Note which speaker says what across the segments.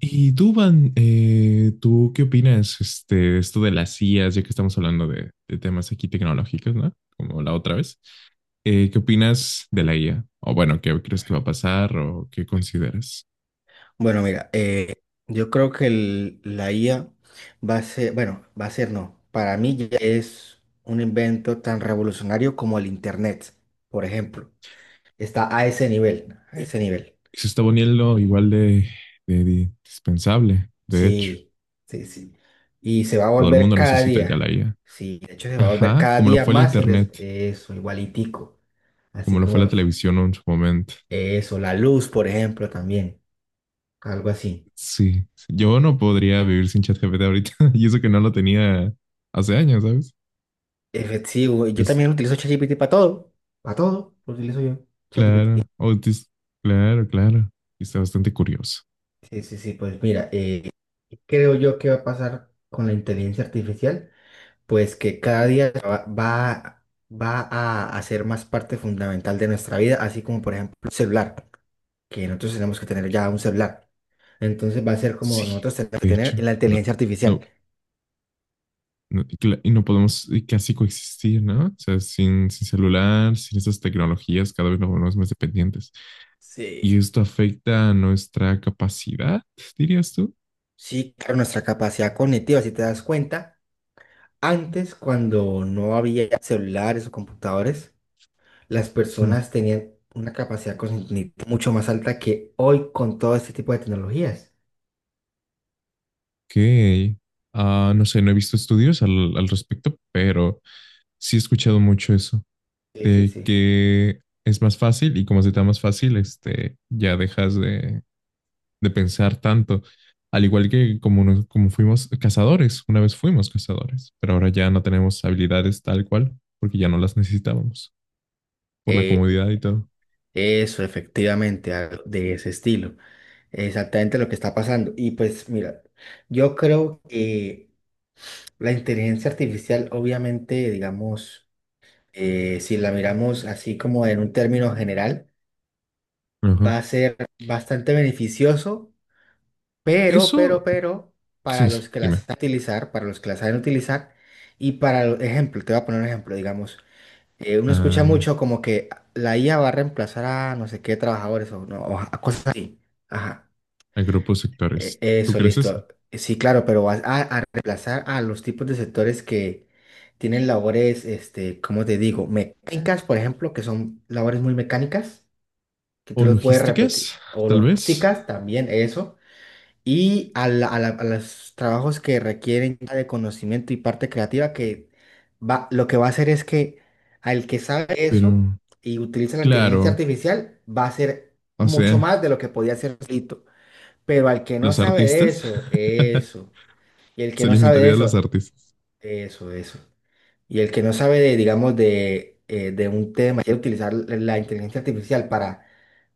Speaker 1: Y tú, Van, ¿tú qué opinas de esto de las IAs, ya que estamos hablando de temas aquí tecnológicos, ¿no? Como la otra vez. ¿Qué opinas de la IA? O bueno, ¿qué crees que va a pasar o qué consideras?
Speaker 2: Bueno, mira, yo creo que la IA va a ser, bueno, va a ser no, para mí ya es un invento tan revolucionario como el Internet, por ejemplo. Está a ese nivel, a ese nivel.
Speaker 1: Se está poniendo igual de indispensable, de hecho.
Speaker 2: Sí, sí, sí. Y se va a
Speaker 1: Todo el
Speaker 2: volver
Speaker 1: mundo
Speaker 2: cada
Speaker 1: necesita ya la
Speaker 2: día.
Speaker 1: IA.
Speaker 2: Sí, de hecho se va a volver
Speaker 1: Ajá,
Speaker 2: cada
Speaker 1: como lo
Speaker 2: día
Speaker 1: fue el
Speaker 2: más
Speaker 1: Internet,
Speaker 2: eso, igualitico. Así
Speaker 1: como lo fue
Speaker 2: como
Speaker 1: la
Speaker 2: lo-
Speaker 1: televisión en su momento.
Speaker 2: Eso, la luz, por ejemplo, también, algo así.
Speaker 1: Sí, sí, yo no podría vivir sin ChatGPT ahorita y eso que no lo tenía hace años, ¿sabes?
Speaker 2: Efectivo. Yo también utilizo ChatGPT para todo. Para todo lo utilizo yo. ChatGPT.
Speaker 1: Claro, Otis, claro, claro. Y está bastante curioso.
Speaker 2: Sí, sí, sí. Pues mira, ¿creo yo que va a pasar con la inteligencia artificial? Pues que cada día va a hacer más parte fundamental de nuestra vida, así como por ejemplo el celular, que nosotros tenemos que tener ya un celular. Entonces va a ser como
Speaker 1: Sí,
Speaker 2: nosotros tenemos que
Speaker 1: de
Speaker 2: tener
Speaker 1: hecho,
Speaker 2: la
Speaker 1: no,
Speaker 2: inteligencia artificial.
Speaker 1: no, no, y no podemos casi coexistir, ¿no? O sea, sin celular, sin esas tecnologías, cada vez nos volvemos más dependientes. Y
Speaker 2: Sí.
Speaker 1: esto afecta a nuestra capacidad, dirías tú.
Speaker 2: Sí, claro, nuestra capacidad cognitiva, si te das cuenta. Antes, cuando no había celulares o computadores, las
Speaker 1: Hmm,
Speaker 2: personas tenían una capacidad cognitiva mucho más alta que hoy con todo este tipo de tecnologías.
Speaker 1: Ok. No sé, no he visto estudios al respecto, pero sí he escuchado mucho eso,
Speaker 2: Sí, sí,
Speaker 1: de
Speaker 2: sí.
Speaker 1: que es más fácil y como se te da más fácil, ya dejas de pensar tanto. Al igual que como, como fuimos cazadores, una vez fuimos cazadores, pero ahora ya no tenemos habilidades tal cual, porque ya no las necesitábamos, por la
Speaker 2: Eh,
Speaker 1: comodidad y todo.
Speaker 2: Eso, efectivamente, algo de ese estilo. Exactamente lo que está pasando. Y pues mira, yo creo que la inteligencia artificial, obviamente, digamos, si la miramos así como en un término general,
Speaker 1: Ajá.
Speaker 2: va a ser bastante beneficioso. Pero, pero,
Speaker 1: Eso,
Speaker 2: pero, para
Speaker 1: sí, sí,
Speaker 2: los que las
Speaker 1: dime.
Speaker 2: saben utilizar, para los que las saben utilizar, y ejemplo, te voy a poner un ejemplo, digamos, uno escucha
Speaker 1: Ah,
Speaker 2: mucho como que la IA va a reemplazar a no sé qué trabajadores o, no, o a cosas así. Ajá,
Speaker 1: a grupos sectores. ¿Tú
Speaker 2: eso,
Speaker 1: crees eso?
Speaker 2: listo. Sí, claro, pero vas a reemplazar a los tipos de sectores que tienen labores, este, ¿cómo te digo? Mecánicas, por ejemplo, que son labores muy mecánicas, que tú
Speaker 1: O
Speaker 2: los puedes repetir.
Speaker 1: logísticas,
Speaker 2: O
Speaker 1: tal vez,
Speaker 2: logísticas, también eso, y a los trabajos que requieren ya de conocimiento y parte creativa, que lo que va a hacer es que al que sabe eso
Speaker 1: pero
Speaker 2: y utiliza la inteligencia
Speaker 1: claro.
Speaker 2: artificial, va a hacer
Speaker 1: O
Speaker 2: mucho
Speaker 1: sea,
Speaker 2: más de lo que podía hacer solito. Pero al que no
Speaker 1: los
Speaker 2: sabe de
Speaker 1: artistas.
Speaker 2: eso, eso. Y el que
Speaker 1: Se
Speaker 2: no sabe de
Speaker 1: alimentaría de los
Speaker 2: eso,
Speaker 1: artistas.
Speaker 2: eso, eso. Y el que no sabe de, digamos, de un tema, quiere utilizar la inteligencia artificial para,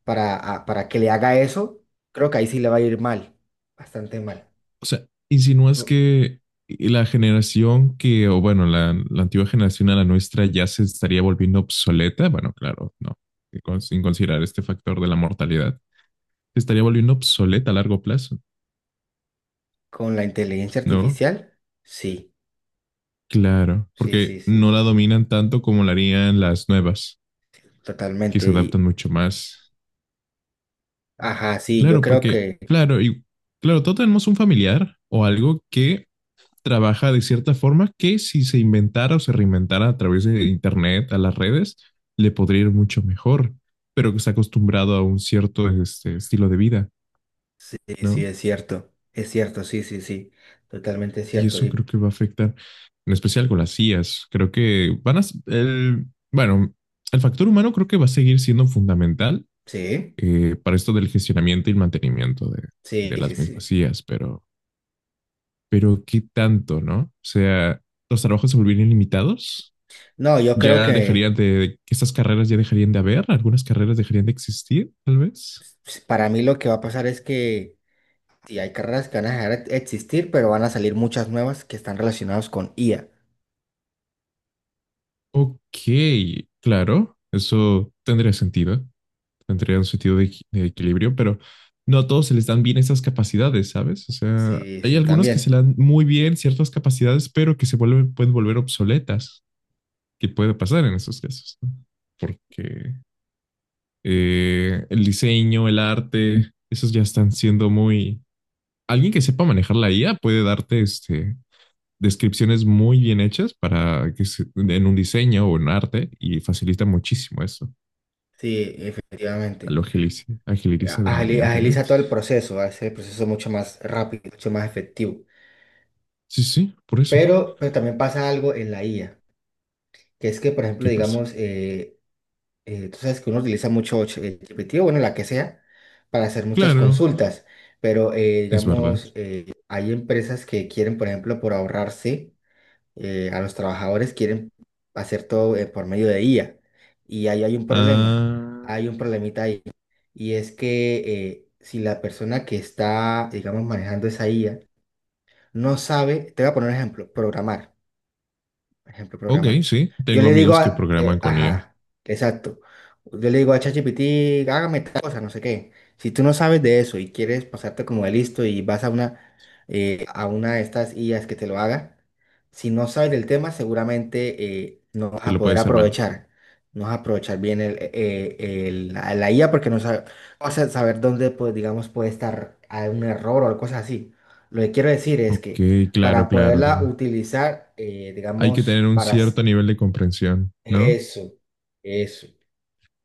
Speaker 2: para que le haga eso, creo que ahí sí le va a ir mal, bastante mal.
Speaker 1: O sea, insinúas que la generación que, o bueno, la antigua generación a la nuestra ya se estaría volviendo obsoleta. Bueno, claro, no. Sin considerar este factor de la mortalidad. Se estaría volviendo obsoleta a largo plazo,
Speaker 2: Con la inteligencia
Speaker 1: ¿no?
Speaker 2: artificial, sí,
Speaker 1: Claro,
Speaker 2: sí,
Speaker 1: porque
Speaker 2: sí,
Speaker 1: no
Speaker 2: sí,
Speaker 1: la dominan tanto como la harían las nuevas, que
Speaker 2: totalmente.
Speaker 1: se adaptan
Speaker 2: Y,
Speaker 1: mucho más.
Speaker 2: ajá, sí, yo
Speaker 1: Claro,
Speaker 2: creo
Speaker 1: porque,
Speaker 2: que
Speaker 1: claro, y claro, todos tenemos un familiar o algo que trabaja de cierta forma que si se inventara o se reinventara a través de Internet, a las redes, le podría ir mucho mejor, pero que está acostumbrado a un cierto estilo de vida,
Speaker 2: sí, sí,
Speaker 1: ¿no?
Speaker 2: es cierto, sí, sí, sí, totalmente
Speaker 1: Y
Speaker 2: cierto.
Speaker 1: eso creo
Speaker 2: Y
Speaker 1: que va a afectar, en especial con las IAs. Creo que van a... El, bueno, el factor humano creo que va a seguir siendo fundamental
Speaker 2: sí,
Speaker 1: para esto del gestionamiento y el mantenimiento
Speaker 2: sí,
Speaker 1: de
Speaker 2: sí,
Speaker 1: las mismas
Speaker 2: sí.
Speaker 1: IAs, pero ¿qué tanto, no? O sea, los trabajos se volverían limitados
Speaker 2: No, yo creo
Speaker 1: ya
Speaker 2: que
Speaker 1: dejarían estas carreras ya dejarían de haber, algunas carreras dejarían de existir, tal vez.
Speaker 2: para mí lo que va a pasar es que sí, hay carreras que van a dejar de existir, pero van a salir muchas nuevas que están relacionadas con IA.
Speaker 1: Ok, claro, eso tendría sentido, tendría un sentido de, de equilibrio, pero no a todos se les dan bien esas capacidades, ¿sabes? O sea,
Speaker 2: Sí,
Speaker 1: hay
Speaker 2: sí,
Speaker 1: algunos que se
Speaker 2: también.
Speaker 1: le dan muy bien ciertas capacidades, pero que se vuelven, pueden volver obsoletas, que puede pasar en esos casos, ¿no? Porque el diseño, el arte, esos ya están siendo muy... Alguien que sepa manejar la IA puede darte este descripciones muy bien hechas para que en un diseño o en arte y facilita muchísimo eso.
Speaker 2: Sí, efectivamente.
Speaker 1: Lo agiliza, agiliza
Speaker 2: Agiliza
Speaker 1: demoníacamente.
Speaker 2: todo el proceso, hace el proceso mucho más rápido, mucho más efectivo.
Speaker 1: Sí, sí, por eso.
Speaker 2: Pero también pasa algo en la IA, que es que, por ejemplo,
Speaker 1: ¿Qué pasa?
Speaker 2: digamos, tú sabes que uno utiliza mucho GPT, o bueno, la que sea, para hacer muchas
Speaker 1: Claro,
Speaker 2: consultas, pero,
Speaker 1: es verdad.
Speaker 2: digamos, hay empresas que quieren, por ejemplo, por ahorrarse a los trabajadores, quieren hacer todo por medio de IA. Y ahí hay un problema,
Speaker 1: Ah,
Speaker 2: hay un problemita ahí, y es que si la persona que está, digamos, manejando esa IA no sabe, te voy a poner un ejemplo, programar. Ejemplo,
Speaker 1: ok,
Speaker 2: programar.
Speaker 1: sí.
Speaker 2: Yo
Speaker 1: Tengo
Speaker 2: le digo
Speaker 1: amigos que
Speaker 2: a,
Speaker 1: programan con IA.
Speaker 2: ajá, exacto. Yo le digo a ChatGPT, hágame tal cosa, no sé qué. Si tú no sabes de eso y quieres pasarte como de listo y vas a a una de estas IAs que te lo haga, si no sabes del tema, seguramente no vas
Speaker 1: Te
Speaker 2: a
Speaker 1: lo
Speaker 2: poder
Speaker 1: puedes armar.
Speaker 2: aprovechar. No vas a aprovechar bien la IA porque no sabes, vas a saber dónde, pues, digamos, puede estar hay un error o cosas así. Lo que quiero decir es que
Speaker 1: Ok, claro,
Speaker 2: para
Speaker 1: claro.
Speaker 2: poderla utilizar,
Speaker 1: Hay que
Speaker 2: digamos,
Speaker 1: tener un cierto nivel de comprensión, ¿no?
Speaker 2: eso, eso.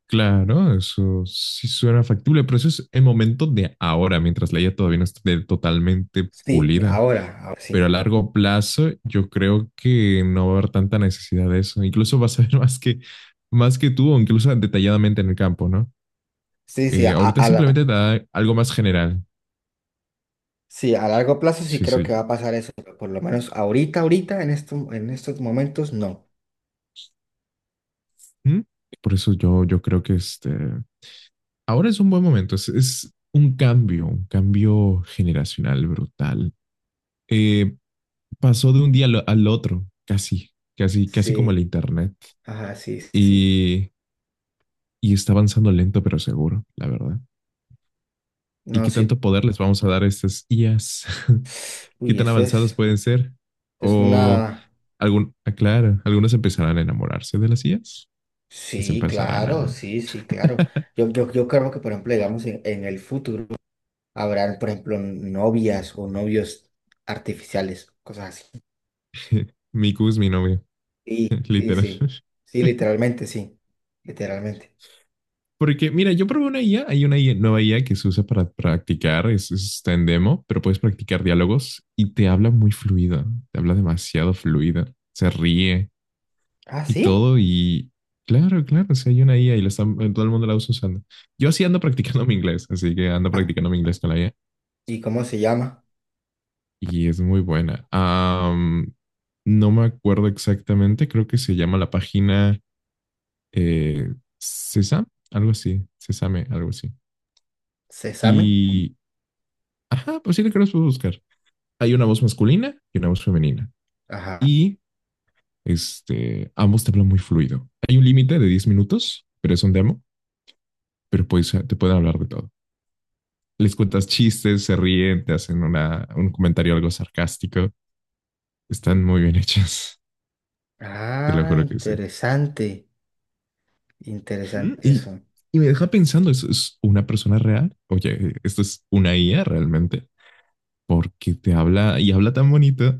Speaker 1: Claro, eso sí suena factible, pero eso es el momento de ahora, mientras la IA todavía no esté totalmente
Speaker 2: Sí,
Speaker 1: pulida.
Speaker 2: ahora, ahora
Speaker 1: Pero a
Speaker 2: sí.
Speaker 1: largo plazo yo creo que no va a haber tanta necesidad de eso. Incluso vas a ver más que tú o incluso detalladamente en el campo, ¿no?
Speaker 2: Sí, sí,
Speaker 1: Ahorita simplemente te da algo más general.
Speaker 2: sí, a largo plazo sí
Speaker 1: Sí,
Speaker 2: creo que
Speaker 1: sí.
Speaker 2: va a pasar eso, pero por lo menos ahorita, ahorita, en esto, en estos momentos, no.
Speaker 1: ¿Mm? Por eso yo, yo creo que ahora es un buen momento. Es un cambio generacional brutal. Eh, Pasó de un día al otro, casi, casi, casi como el
Speaker 2: Sí,
Speaker 1: internet.
Speaker 2: ajá, sí, sí, sí.
Speaker 1: Y, y está avanzando lento pero seguro, la verdad. ¿Y
Speaker 2: No,
Speaker 1: qué tanto
Speaker 2: sí.
Speaker 1: poder les vamos a dar a estas IAs? ¿Qué
Speaker 2: Uy,
Speaker 1: tan
Speaker 2: eso
Speaker 1: avanzadas
Speaker 2: es,
Speaker 1: pueden ser?
Speaker 2: es
Speaker 1: O
Speaker 2: una...
Speaker 1: algún, aclara, algunos empezarán a enamorarse de las IAs, les
Speaker 2: Sí,
Speaker 1: empezarán
Speaker 2: claro,
Speaker 1: a...
Speaker 2: sí, sí, claro. Yo creo que, por ejemplo, digamos, en el futuro, habrán, por ejemplo, novias o novios artificiales, cosas así.
Speaker 1: Miku es mi novio,
Speaker 2: Sí, sí,
Speaker 1: literal.
Speaker 2: sí. Sí, literalmente, sí. Literalmente.
Speaker 1: Porque, mira, yo probé una IA, hay una IA, nueva IA que se usa para practicar, está en demo, pero puedes practicar diálogos y te habla muy fluida, te habla demasiado fluida, se ríe,
Speaker 2: Ah,
Speaker 1: y
Speaker 2: sí.
Speaker 1: todo. Y claro, claro, si hay una IA y todo el mundo la usa usando. Yo sí ando practicando mi inglés, así que ando
Speaker 2: Ah,
Speaker 1: practicando mi inglés con la IA
Speaker 2: ¿y cómo se llama?
Speaker 1: y es muy buena. No me acuerdo exactamente, creo que se llama la página eh, Sesam, algo así, Sesame, algo así.
Speaker 2: Sésame.
Speaker 1: Y, ajá, pues sí, le creo que los puedo buscar. Hay una voz masculina y una voz femenina.
Speaker 2: Ajá.
Speaker 1: Y ambos te hablan muy fluido. Hay un límite de 10 minutos, pero es un demo, pero puedes, te pueden hablar de todo. Les cuentas chistes, se ríen, te hacen una, un comentario algo sarcástico. Están muy bien hechas, te lo
Speaker 2: Ah,
Speaker 1: juro que sí.
Speaker 2: interesante. Interesante
Speaker 1: Mm, Y,
Speaker 2: eso.
Speaker 1: y me deja pensando, ¿eso es una persona real? Oye, ¿esto es una IA realmente? Porque te habla y habla tan bonito.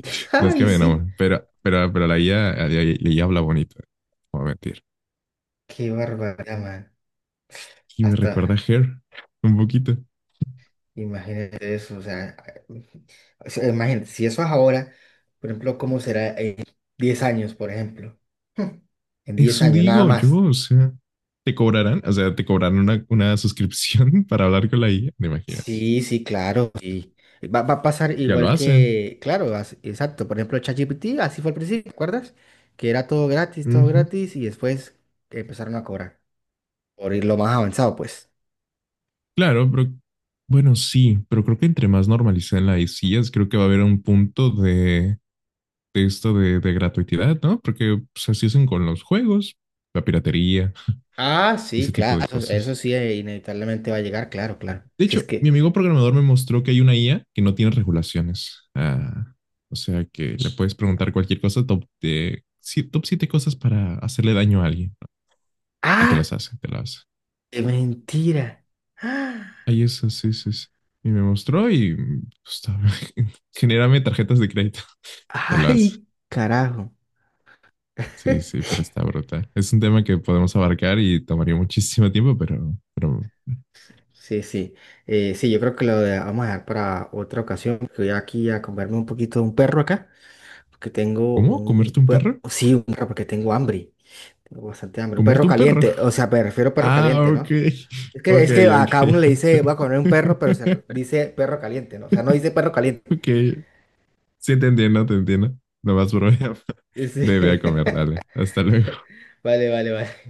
Speaker 1: No es que
Speaker 2: Ay,
Speaker 1: me enamore,
Speaker 2: sí.
Speaker 1: pero la IA, la IA, la IA habla bonito. No voy a mentir.
Speaker 2: Qué barbaridad, man.
Speaker 1: Y me recuerda a
Speaker 2: Hasta
Speaker 1: Her un poquito.
Speaker 2: imagínate eso. O sea, imagínate, si eso es ahora, por ejemplo, ¿cómo será en 10 años, por ejemplo? En 10
Speaker 1: Eso
Speaker 2: años, nada
Speaker 1: digo yo,
Speaker 2: más.
Speaker 1: o sea, te cobrarán, o sea, te cobrarán una suscripción para hablar con la IA, ¿te imaginas?
Speaker 2: Sí, sí, claro, sí. Va a pasar
Speaker 1: Ya lo
Speaker 2: igual
Speaker 1: hacen.
Speaker 2: que, claro, exacto. Por ejemplo, ChatGPT, así fue al principio, ¿te acuerdas? Que era todo
Speaker 1: Ujú.
Speaker 2: gratis, y después empezaron a cobrar por ir lo más avanzado, pues.
Speaker 1: Claro, pero bueno, sí, pero creo que entre más normalicen las ICIAs, creo que va a haber un punto de esto de gratuidad, ¿no? Porque pues, así hacen con los juegos, la piratería
Speaker 2: Ah, sí,
Speaker 1: ese tipo
Speaker 2: claro,
Speaker 1: de
Speaker 2: eso
Speaker 1: cosas.
Speaker 2: sí, inevitablemente va a llegar, claro, claro.
Speaker 1: De
Speaker 2: Si es
Speaker 1: hecho, mi
Speaker 2: que,
Speaker 1: amigo programador me mostró que hay una IA que no tiene regulaciones. Ah, o sea que le puedes preguntar cualquier cosa, sí, top siete cosas para hacerle daño a alguien, ¿no? Y te
Speaker 2: ah,
Speaker 1: las hace, te las
Speaker 2: qué mentira. ¡Ah!
Speaker 1: ahí es, sí, sí, sí. Y me mostró y pues, genérame tarjetas de crédito. Te lo hace.
Speaker 2: Ay, carajo.
Speaker 1: Sí, sí, pero está brutal. Es un tema que podemos abarcar y tomaría muchísimo tiempo, pero
Speaker 2: Sí, sí. Sí, yo creo que vamos a dejar para otra ocasión, que voy aquí a comerme un poquito de un perro acá. Porque tengo
Speaker 1: ¿cómo? ¿Comerte un perro?
Speaker 2: sí, un perro, porque tengo hambre. Tengo bastante hambre. Un perro
Speaker 1: ¿Comerte un perro?
Speaker 2: caliente. O sea, me refiero a perro
Speaker 1: Ah,
Speaker 2: caliente,
Speaker 1: ok.
Speaker 2: ¿no? Es que,
Speaker 1: Ok,
Speaker 2: es que a cada uno le
Speaker 1: ok.
Speaker 2: dice, voy a comer un perro, pero dice perro caliente, ¿no? O sea, no dice perro caliente.
Speaker 1: Ok. Sí, te entiendo, te entiendo. No más problema. Bebé a
Speaker 2: Sí.
Speaker 1: comer, dale. Hasta luego.
Speaker 2: Vale, vale, vale.